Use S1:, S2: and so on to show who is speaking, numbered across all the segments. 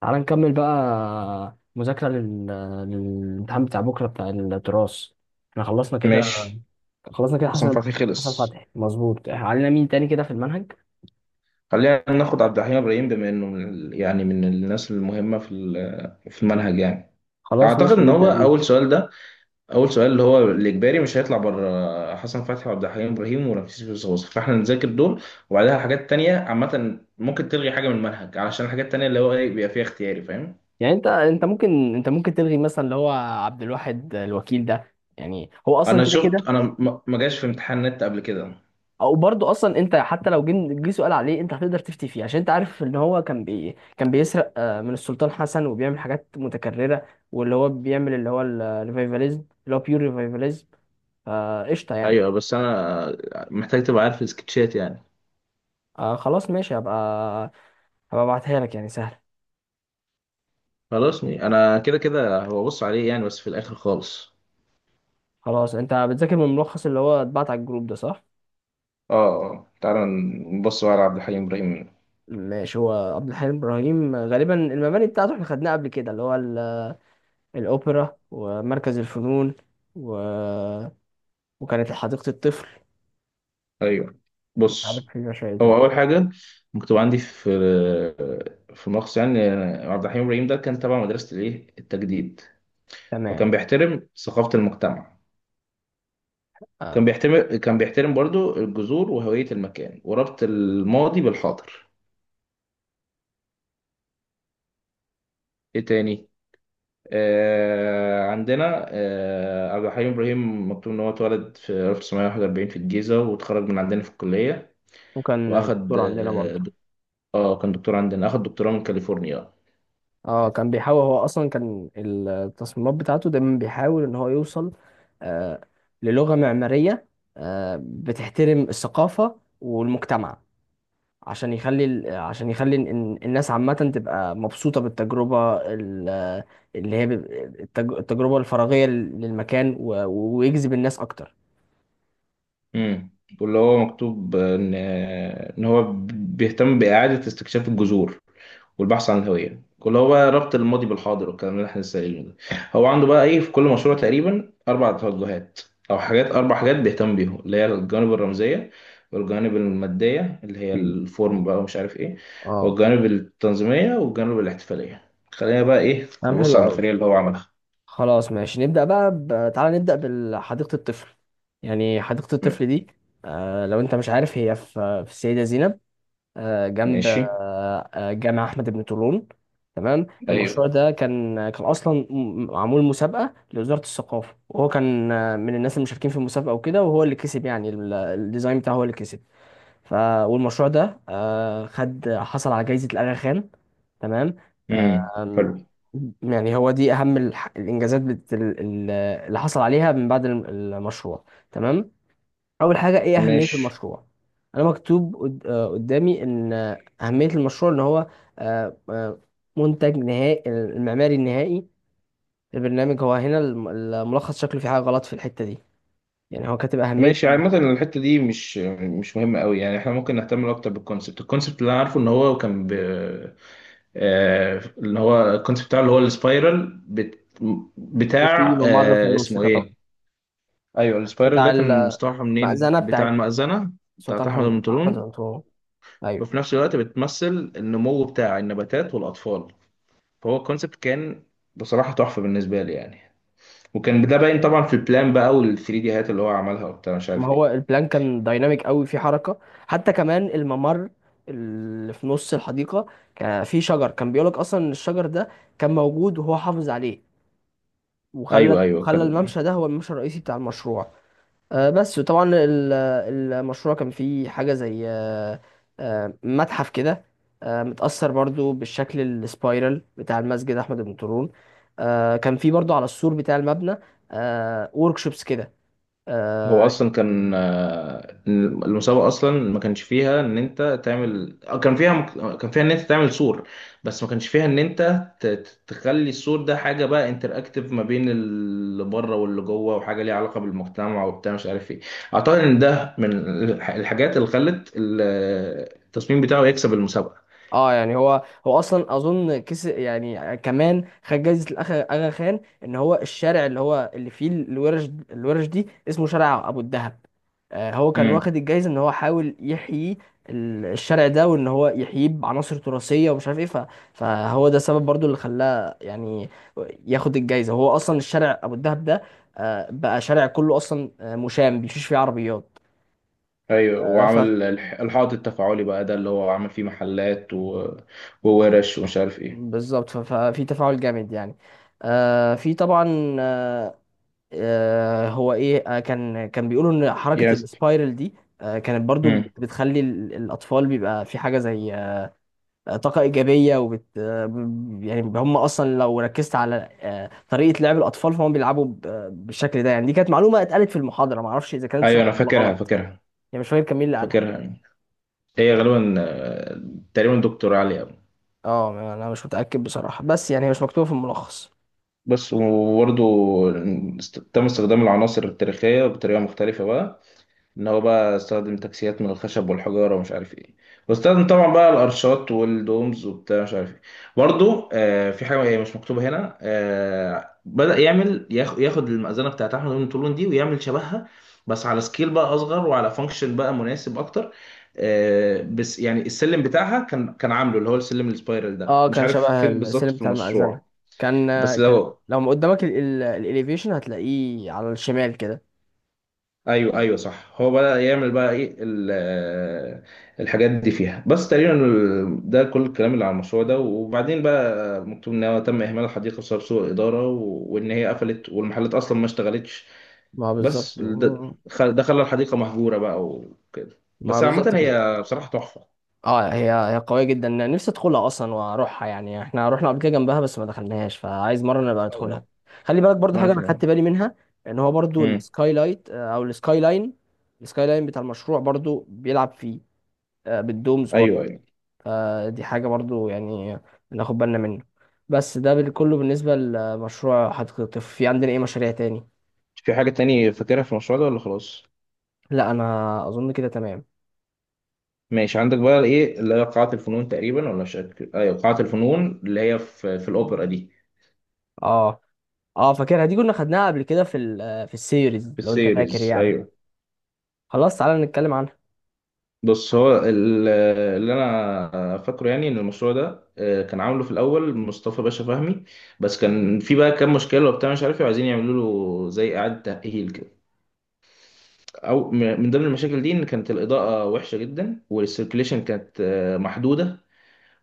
S1: تعال نكمل بقى مذاكرة للامتحان بتاع بكرة بتاع التراث. احنا خلصنا كده.
S2: ماشي.
S1: خلصنا كده
S2: حسن
S1: حسن.
S2: فتحي
S1: حسن
S2: خلص.
S1: فتحي مظبوط، علينا مين تاني كده في المنهج؟
S2: خلينا ناخد عبد الحليم ابراهيم بما انه يعني من الناس المهمه في المنهج يعني.
S1: خلاص
S2: اعتقد
S1: ماشي
S2: ان هو
S1: نبدأ بيه.
S2: اول سؤال ده. اول سؤال اللي هو الاجباري مش هيطلع بره حسن فتحي وعبد الحليم ابراهيم ورمسيس بوزوز، فاحنا نذاكر دول. وبعدها حاجات تانية عامه ممكن تلغي حاجه من المنهج، علشان الحاجات التانية اللي هو ايه بيبقى فيها اختياري، فاهم.
S1: يعني انت ممكن، انت ممكن تلغي مثلا اللي هو عبد الواحد الوكيل ده، يعني هو اصلا كده كده.
S2: شفت انا ما جاش في امتحان نت قبل كده.
S1: او برضه اصلا انت حتى لو جه سؤال عليه انت هتقدر تفتي فيه، عشان انت عارف ان هو كان بيسرق من السلطان حسن وبيعمل حاجات متكررة، واللي هو بيعمل اللي هو الريفايفاليزم اللي هو بيور ريفايفاليزم. فقشطة يعني.
S2: ايوه، بس انا محتاج تبقى عارف السكتشات يعني.
S1: خلاص ماشي هبقى. هبقى ابعتها لك، يعني سهل.
S2: خلاص. انا كده كده هو بص عليه يعني بس في الاخر خالص.
S1: خلاص انت بتذاكر من الملخص اللي هو اتبعت على الجروب ده صح؟
S2: اه. آه. تعالى نبص بقى على عبد الحليم ابراهيم.
S1: ماشي. هو عبد الحليم ابراهيم غالبا المباني بتاعته احنا خدناها قبل كده، اللي هو الاوبرا ومركز الفنون و... وكانت حديقة الطفل.
S2: ايوه،
S1: عارف
S2: بص.
S1: في شيء
S2: هو
S1: تاني؟
S2: اول حاجه مكتوب عندي في في ملخص يعني، عبد الحليم ابراهيم ده كان تبع مدرسه الايه التجديد،
S1: تمام.
S2: وكان بيحترم ثقافه المجتمع.
S1: آه
S2: كان بيحترم برضو الجذور وهويه المكان، وربط الماضي بالحاضر. ايه تاني؟ عندنا عبد الحليم إبراهيم مكتوب إن هو اتولد في 1941 في الجيزة، واتخرج من عندنا في الكلية.
S1: وكان
S2: وأخد
S1: دكتور عندنا
S2: آه
S1: برضه.
S2: دك- كان دكتور عندنا، أخد دكتوراه من كاليفورنيا.
S1: اه، كان بيحاول. هو اصلا كان التصميمات بتاعته دايما بيحاول ان هو يوصل آه للغة معمارية بتحترم الثقافة والمجتمع، عشان عشان يخلي إن الناس عامة تبقى مبسوطة اللي هي ب- التجربة الفراغية للمكان، ويجذب الناس اكتر.
S2: امم واللي هو مكتوب إن إن هو بيهتم بإعادة استكشاف الجذور والبحث عن الهوية، كل هو بقى ربط الماضي بالحاضر، والكلام اللي احنا لسه قايلينه ده. هو عنده بقى ايه في كل مشروع تقريبا اربع توجهات، او حاجات، اربع حاجات بيهتم بيهم، اللي هي الجوانب الرمزية والجوانب المادية اللي هي
S1: مم.
S2: الفورم بقى ومش عارف ايه،
S1: اه
S2: والجوانب التنظيمية والجوانب الاحتفالية. خلينا بقى ايه
S1: كلام
S2: نبص
S1: حلو
S2: على
S1: قوي.
S2: الفريق اللي هو عملها.
S1: خلاص ماشي نبدأ تعالى نبدأ بحديقة الطفل. يعني حديقة
S2: م-
S1: الطفل دي، لو انت مش عارف، هي في في السيدة زينب، آه جنب
S2: ماشي.
S1: جامع أحمد بن طولون. تمام.
S2: ايوه.
S1: المشروع ده كان أصلا معمول مسابقة لوزارة الثقافة، وهو كان من الناس المشاركين في المسابقة وكده، وهو اللي كسب. يعني الديزاين بتاعه هو اللي كسب. ف والمشروع ده آه، خد حصل على جايزة الأغا خان. تمام.
S2: امم،
S1: آم،
S2: حلو.
S1: يعني هو دي أهم الإنجازات اللي حصل عليها من بعد المشروع. تمام. أول حاجة إيه أهمية
S2: ماشي.
S1: المشروع؟ أنا مكتوب قدامي إن أهمية المشروع إن هو آه، آه، منتج نهائي، المعماري النهائي، البرنامج. هو هنا الملخص شكله في حاجة غلط في الحتة دي، يعني هو كاتب أهمية
S2: ماشي، عامة الحتة دي مش مهمة قوي يعني. احنا ممكن نهتم اكتر بالكونسبت. الكونسبت اللي انا عارفه ان هو كان اللي هو الكونسيبت بتاعه اللي هو
S1: وفي
S2: بتاع
S1: ممر في النص
S2: اسمه
S1: كتب
S2: ايه، ايوه، السبايرال
S1: بتاع
S2: ده كان مستوحى منين،
S1: المأذنة
S2: بتاع
S1: بتاعت
S2: المأذنة بتاعت احمد
S1: أحمد
S2: المنطلون.
S1: أنطونيو. أيوه.
S2: وفي نفس الوقت بتمثل النمو بتاع النباتات والأطفال. فهو الكونسيبت كان بصراحة تحفة بالنسبة لي يعني. وكان ده باين طبعا في البلان بقى، وال 3 دي هات اللي هو عملها وبتاع مش
S1: ما
S2: عارف
S1: هو
S2: ايه.
S1: البلان كان دايناميك قوي في حركة، حتى كمان الممر اللي في نص الحديقة كان فيه شجر. كان بيقولك أصلا إن الشجر ده كان موجود وهو حافظ عليه، وخلى
S2: ايوه ايوه
S1: خلى
S2: كان.
S1: الممشى ده هو الممشى الرئيسي بتاع المشروع. بس. وطبعا المشروع كان فيه حاجة زي متحف كده، متأثر برضو بالشكل السبايرال بتاع المسجد أحمد بن طولون. كان فيه برضو على السور بتاع المبنى وركشوبس كده.
S2: هو
S1: آه،
S2: اصلا كان المسابقه اصلا ما كانش فيها ان انت تعمل كان فيها ان انت تعمل سور، بس ما كانش فيها ان انت تخلي السور ده حاجه بقى انتراكتيف ما بين اللي بره واللي جوه، وحاجه ليها علاقه بالمجتمع وبتاع مش عارف ايه. اعتقد ان ده من الحاجات اللي خلت التصميم بتاعه يكسب المسابقه.
S1: اه يعني هو هو اصلا اظن كس، يعني كمان خد جايزه الاخ اغا خان ان هو الشارع اللي هو اللي فيه الورش دي اسمه شارع ابو الدهب. آه هو كان
S2: امم.
S1: واخد الجايزه ان هو حاول يحيي الشارع ده، وان هو يحييه بعناصر تراثيه ومش عارف ايه. فهو ده سبب برضو اللي خلاه يعني ياخد الجايزه. هو اصلا الشارع ابو الدهب ده آه بقى شارع كله اصلا، مشام بيمشيش فيه عربيات.
S2: ايوه، وعمل الحائط التفاعلي بقى ده، اللي هو عمل فيه محلات و... وورش ومش عارف ايه.
S1: بالظبط. ففي تفاعل جامد يعني. آه في طبعا هو ايه آه كان بيقولوا ان حركة
S2: يس.
S1: السبايرل دي كانت برضو بتخلي الاطفال بيبقى في حاجة زي طاقة ايجابية. يعني هم اصلا لو ركزت على طريقة لعب الاطفال، فهم بيلعبوا بالشكل ده، يعني دي كانت معلومة اتقالت في المحاضرة، معرفش اذا كانت صح
S2: ايوه، انا
S1: ولا
S2: فاكرها
S1: غلط.
S2: فاكرها
S1: يعني مش فاكر كان مين اللي قالها.
S2: فاكرها هي غالبا تقريبا دكتور عليا.
S1: اه انا مش متأكد بصراحة، بس يعني هي مش مكتوبة في الملخص.
S2: بس. وبرضه تم استخدام العناصر التاريخية بطريقة مختلفة بقى، ان هو بقى استخدم تكسيات من الخشب والحجاره ومش عارف ايه. واستخدم طبعا بقى الارشات والدومز وبتاع مش عارف ايه. برضو آه، في حاجه هي مش مكتوبه هنا، آه، بدأ يعمل ياخد المأذنه بتاعت احمد بن طولون دي ويعمل شبهها، بس على سكيل بقى اصغر وعلى فانكشن بقى مناسب اكتر. آه، بس يعني السلم بتاعها كان عامله اللي هو السلم السبايرال ده،
S1: اه
S2: مش
S1: كان
S2: عارف
S1: شبه
S2: فين بالظبط
S1: السلم
S2: في
S1: بتاع المأذنة.
S2: المشروع.
S1: كان،
S2: بس
S1: كان
S2: لو.
S1: لو قدامك الاليفيشن هتلاقيه على الشمال كده.
S2: ايوه ايوه صح. هو بدأ يعمل بقى ايه الحاجات دي فيها. بس تقريبا ده كل الكلام اللي على المشروع ده. وبعدين بقى مكتوب ان هو تم اهمال الحديقه بسبب سوء اداره، وان هي قفلت والمحلات اصلا ما اشتغلتش.
S1: ما هو
S2: بس
S1: بالظبط
S2: ده.
S1: هو-
S2: ده خلى الحديقه مهجوره بقى وكده.
S1: ما هو
S2: بس عامه
S1: بالظبط كده.
S2: هي بصراحه تحفه.
S1: اه هي هي قوية جدا، نفسي ادخلها اصلا واروحها. يعني احنا رحنا قبل كده جنبها بس ما دخلناهاش، فعايز مرة نبقى ندخلها.
S2: ايوه.
S1: خلي بالك برضو
S2: وانا
S1: حاجة انا
S2: كمان.
S1: خدت بالي منها، ان هو برضو
S2: امم.
S1: السكاي لايت آه، او السكاي لاين. السكاي لاين بتاع المشروع برضو بيلعب فيه بالدومز.
S2: ايوه ايوه.
S1: دي حاجة برضو يعني ناخد بالنا منه. بس ده كله بالنسبة لمشروع حديقة الطفل. في عندنا ايه مشاريع تاني؟
S2: في حاجه تاني فاكرها في المشروع ده ولا خلاص؟
S1: لا انا اظن كده تمام.
S2: ماشي. عندك بقى ايه، اللي هي قاعه الفنون تقريبا، ولا مش فاكر. ايوه، قاعه الفنون اللي هي في في الاوبرا دي.
S1: اه اه فاكرها دي، كنا خدناها قبل كده في ال في السيريز
S2: في
S1: لو انت فاكر
S2: السيريز
S1: يعني.
S2: ايوه.
S1: خلاص تعالى نتكلم عنها.
S2: بص، اللي انا فاكره يعني ان المشروع ده كان عامله في الاول مصطفى باشا فهمي. بس كان في بقى كام مشكله وبتاع مش عارف إيه، وعايزين يعملوا له زي اعاده تاهيل كده. او من ضمن المشاكل دي ان كانت الاضاءه وحشه جدا، والسيركليشن كانت محدوده.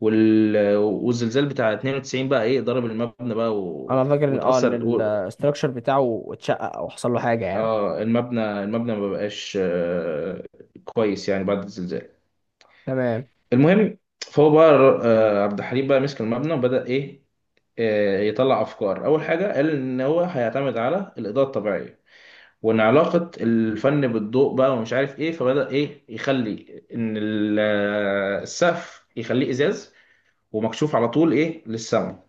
S2: والزلزال بتاع 92 بقى ايه ضرب المبنى بقى
S1: انا
S2: و...
S1: فاكر ان اه ان
S2: وتاثر. و...
S1: الاستراكشر بتاعه اتشقق او حصل له حاجة يعني.
S2: اه، المبنى. ما بقاش كويس يعني بعد الزلزال.
S1: تمام.
S2: المهم، فهو بقى عبد الحليم بقى مسك المبنى، وبدأ ايه يطلع افكار. اول حاجه قال ان هو هيعتمد على الاضاءه الطبيعيه، وان علاقه الفن بالضوء بقى ومش عارف ايه. فبدأ ايه يخلي ان السقف يخليه ازاز، ومكشوف على طول ايه للسما.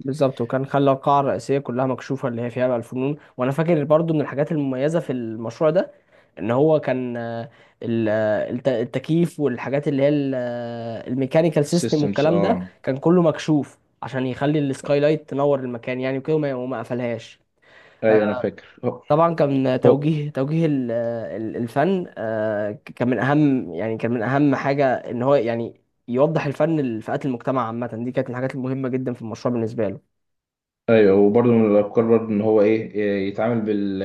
S1: بالظبط. وكان خلى القاعة الرئيسية كلها مكشوفة، اللي هي فيها بقى الفنون. وانا فاكر برضو من الحاجات المميزة في المشروع ده ان هو كان التكييف والحاجات اللي هي الميكانيكال سيستم
S2: السيستمز،
S1: والكلام ده
S2: اه.
S1: كان كله مكشوف، عشان يخلي السكاي لايت تنور المكان يعني وكده، وما قفلهاش. آه،
S2: ايوه انا فاكر.
S1: طبعا كان
S2: هو.
S1: توجيه الفن كان من اهم، يعني كان من اهم حاجه ان هو يعني يوضح الفن لفئات المجتمع عامه. دي كانت من الحاجات المهمه جدا في المشروع بالنسبه له.
S2: ايوه. وبرضه من الافكار برضه ان هو ايه إيه، يتعامل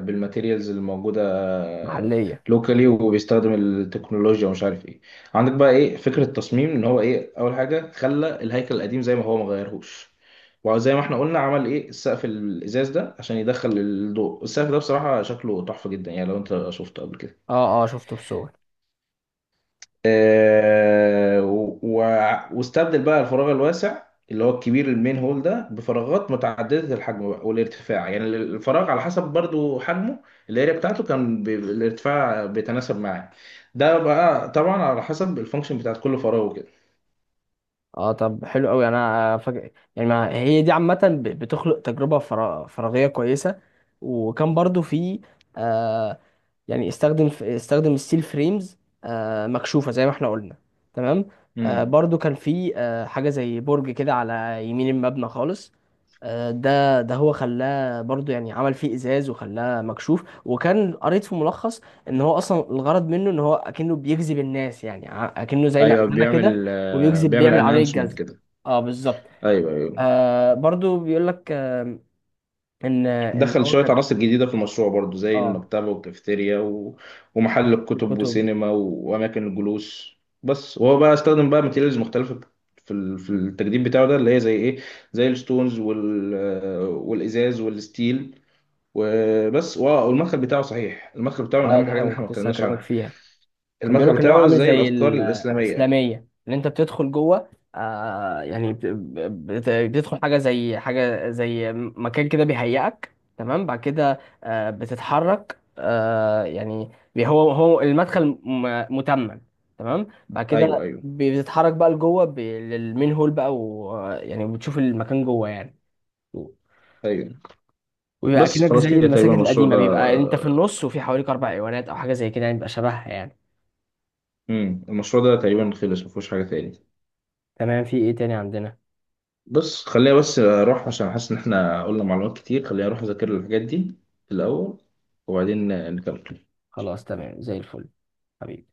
S2: بالماتيريالز الموجوده
S1: محليه.
S2: لوكالي، وبيستخدم التكنولوجيا ومش عارف ايه. عندك بقى ايه فكره تصميم ان هو ايه. اول حاجه خلى الهيكل القديم زي ما هو، ما غيرهوش. وزي ما احنا قلنا عمل ايه السقف الازاز ده عشان يدخل الضوء. السقف ده بصراحه شكله تحفه جدا يعني لو انت شفته قبل كده.
S1: اه اه شفته في سوق.
S2: واستبدل بقى الفراغ الواسع اللي هو الكبير المين هول ده بفراغات متعددة الحجم بقى والارتفاع، يعني الفراغ على حسب برضو حجمه. الاريا بتاعته كان الارتفاع بيتناسب معاه. ده بقى طبعا على حسب الفانكشن بتاعت كل فراغ وكده.
S1: اه طب حلو قوي. انا فاكر يعني ما هي دي عامه بتخلق تجربه فراغيه كويسه. وكان برضو في آه، يعني استخدم الستيل فريمز مكشوفة زي ما احنا قلنا. تمام.
S2: امم.
S1: برضو كان في حاجة زي برج كده على يمين المبنى خالص. ده هو خلاه برضو يعني عمل فيه ازاز وخلاه مكشوف، وكان قريت في ملخص ان هو اصلا الغرض منه ان هو اكنه بيجذب الناس، اكنه زي
S2: ايوه،
S1: مأذنة كده.
S2: بيعمل بيعمل
S1: بيعمل عملية
S2: انانسمنت
S1: جذب.
S2: كده.
S1: اه بالظبط.
S2: ايوه ايوه.
S1: آه برضو بيقول لك ان
S2: دخل
S1: هو
S2: شوية
S1: كان
S2: عناصر جديدة في المشروع برضو زي
S1: اه
S2: المكتبة والكافيتيريا و... ومحل الكتب
S1: الكتب.
S2: وسينما و... وأماكن الجلوس. بس. وهو بقى استخدم بقى ماتيريالز مختلفة في في التجديد بتاعه ده، اللي هي زي إيه، زي الستونز وال... والإزاز والستيل وبس. والمدخل بتاعه، صحيح، المدخل بتاعه من
S1: اه
S2: أهم
S1: دي
S2: الحاجات
S1: حاجة
S2: اللي إحنا
S1: ممكن
S2: ما
S1: لسه
S2: اتكلمناش
S1: هكلمك
S2: عنها.
S1: فيها. كان بيقول
S2: المدخل
S1: لك ان هو
S2: بتاعه
S1: عامل
S2: زي
S1: زي
S2: الأفكار الإسلامية.
S1: الاسلاميه، ان انت بتدخل جوه آه يعني بتدخل حاجه زي حاجه زي مكان كده بيهيئك. تمام بعد كده بتتحرك، يعني هو المدخل متمم. تمام بعد
S2: أيوه
S1: كده
S2: أيوه.
S1: بتتحرك بقى لجوه للمين هول بقى، ويعني بتشوف المكان جوه يعني.
S2: أيوه.
S1: ويبقى
S2: بس
S1: اكنك
S2: خلاص
S1: زي
S2: كده تقريبا
S1: المساجد
S2: المشروع
S1: القديمه
S2: ده.
S1: بيبقى انت في النص وفي حواليك اربع ايوانات او حاجه زي كده، يعني بيبقى شبهها يعني.
S2: المشروع ده تقريبا خلص، مفيهوش حاجة تاني.
S1: تمام. في ايه تاني عندنا؟
S2: بص، خلينا بس اروح، عشان حاسس ان احنا قلنا معلومات كتير. خلينا اروح اذاكر الحاجات دي في الاول، وبعدين نكمل.
S1: خلاص تمام زي الفل. حبيبي.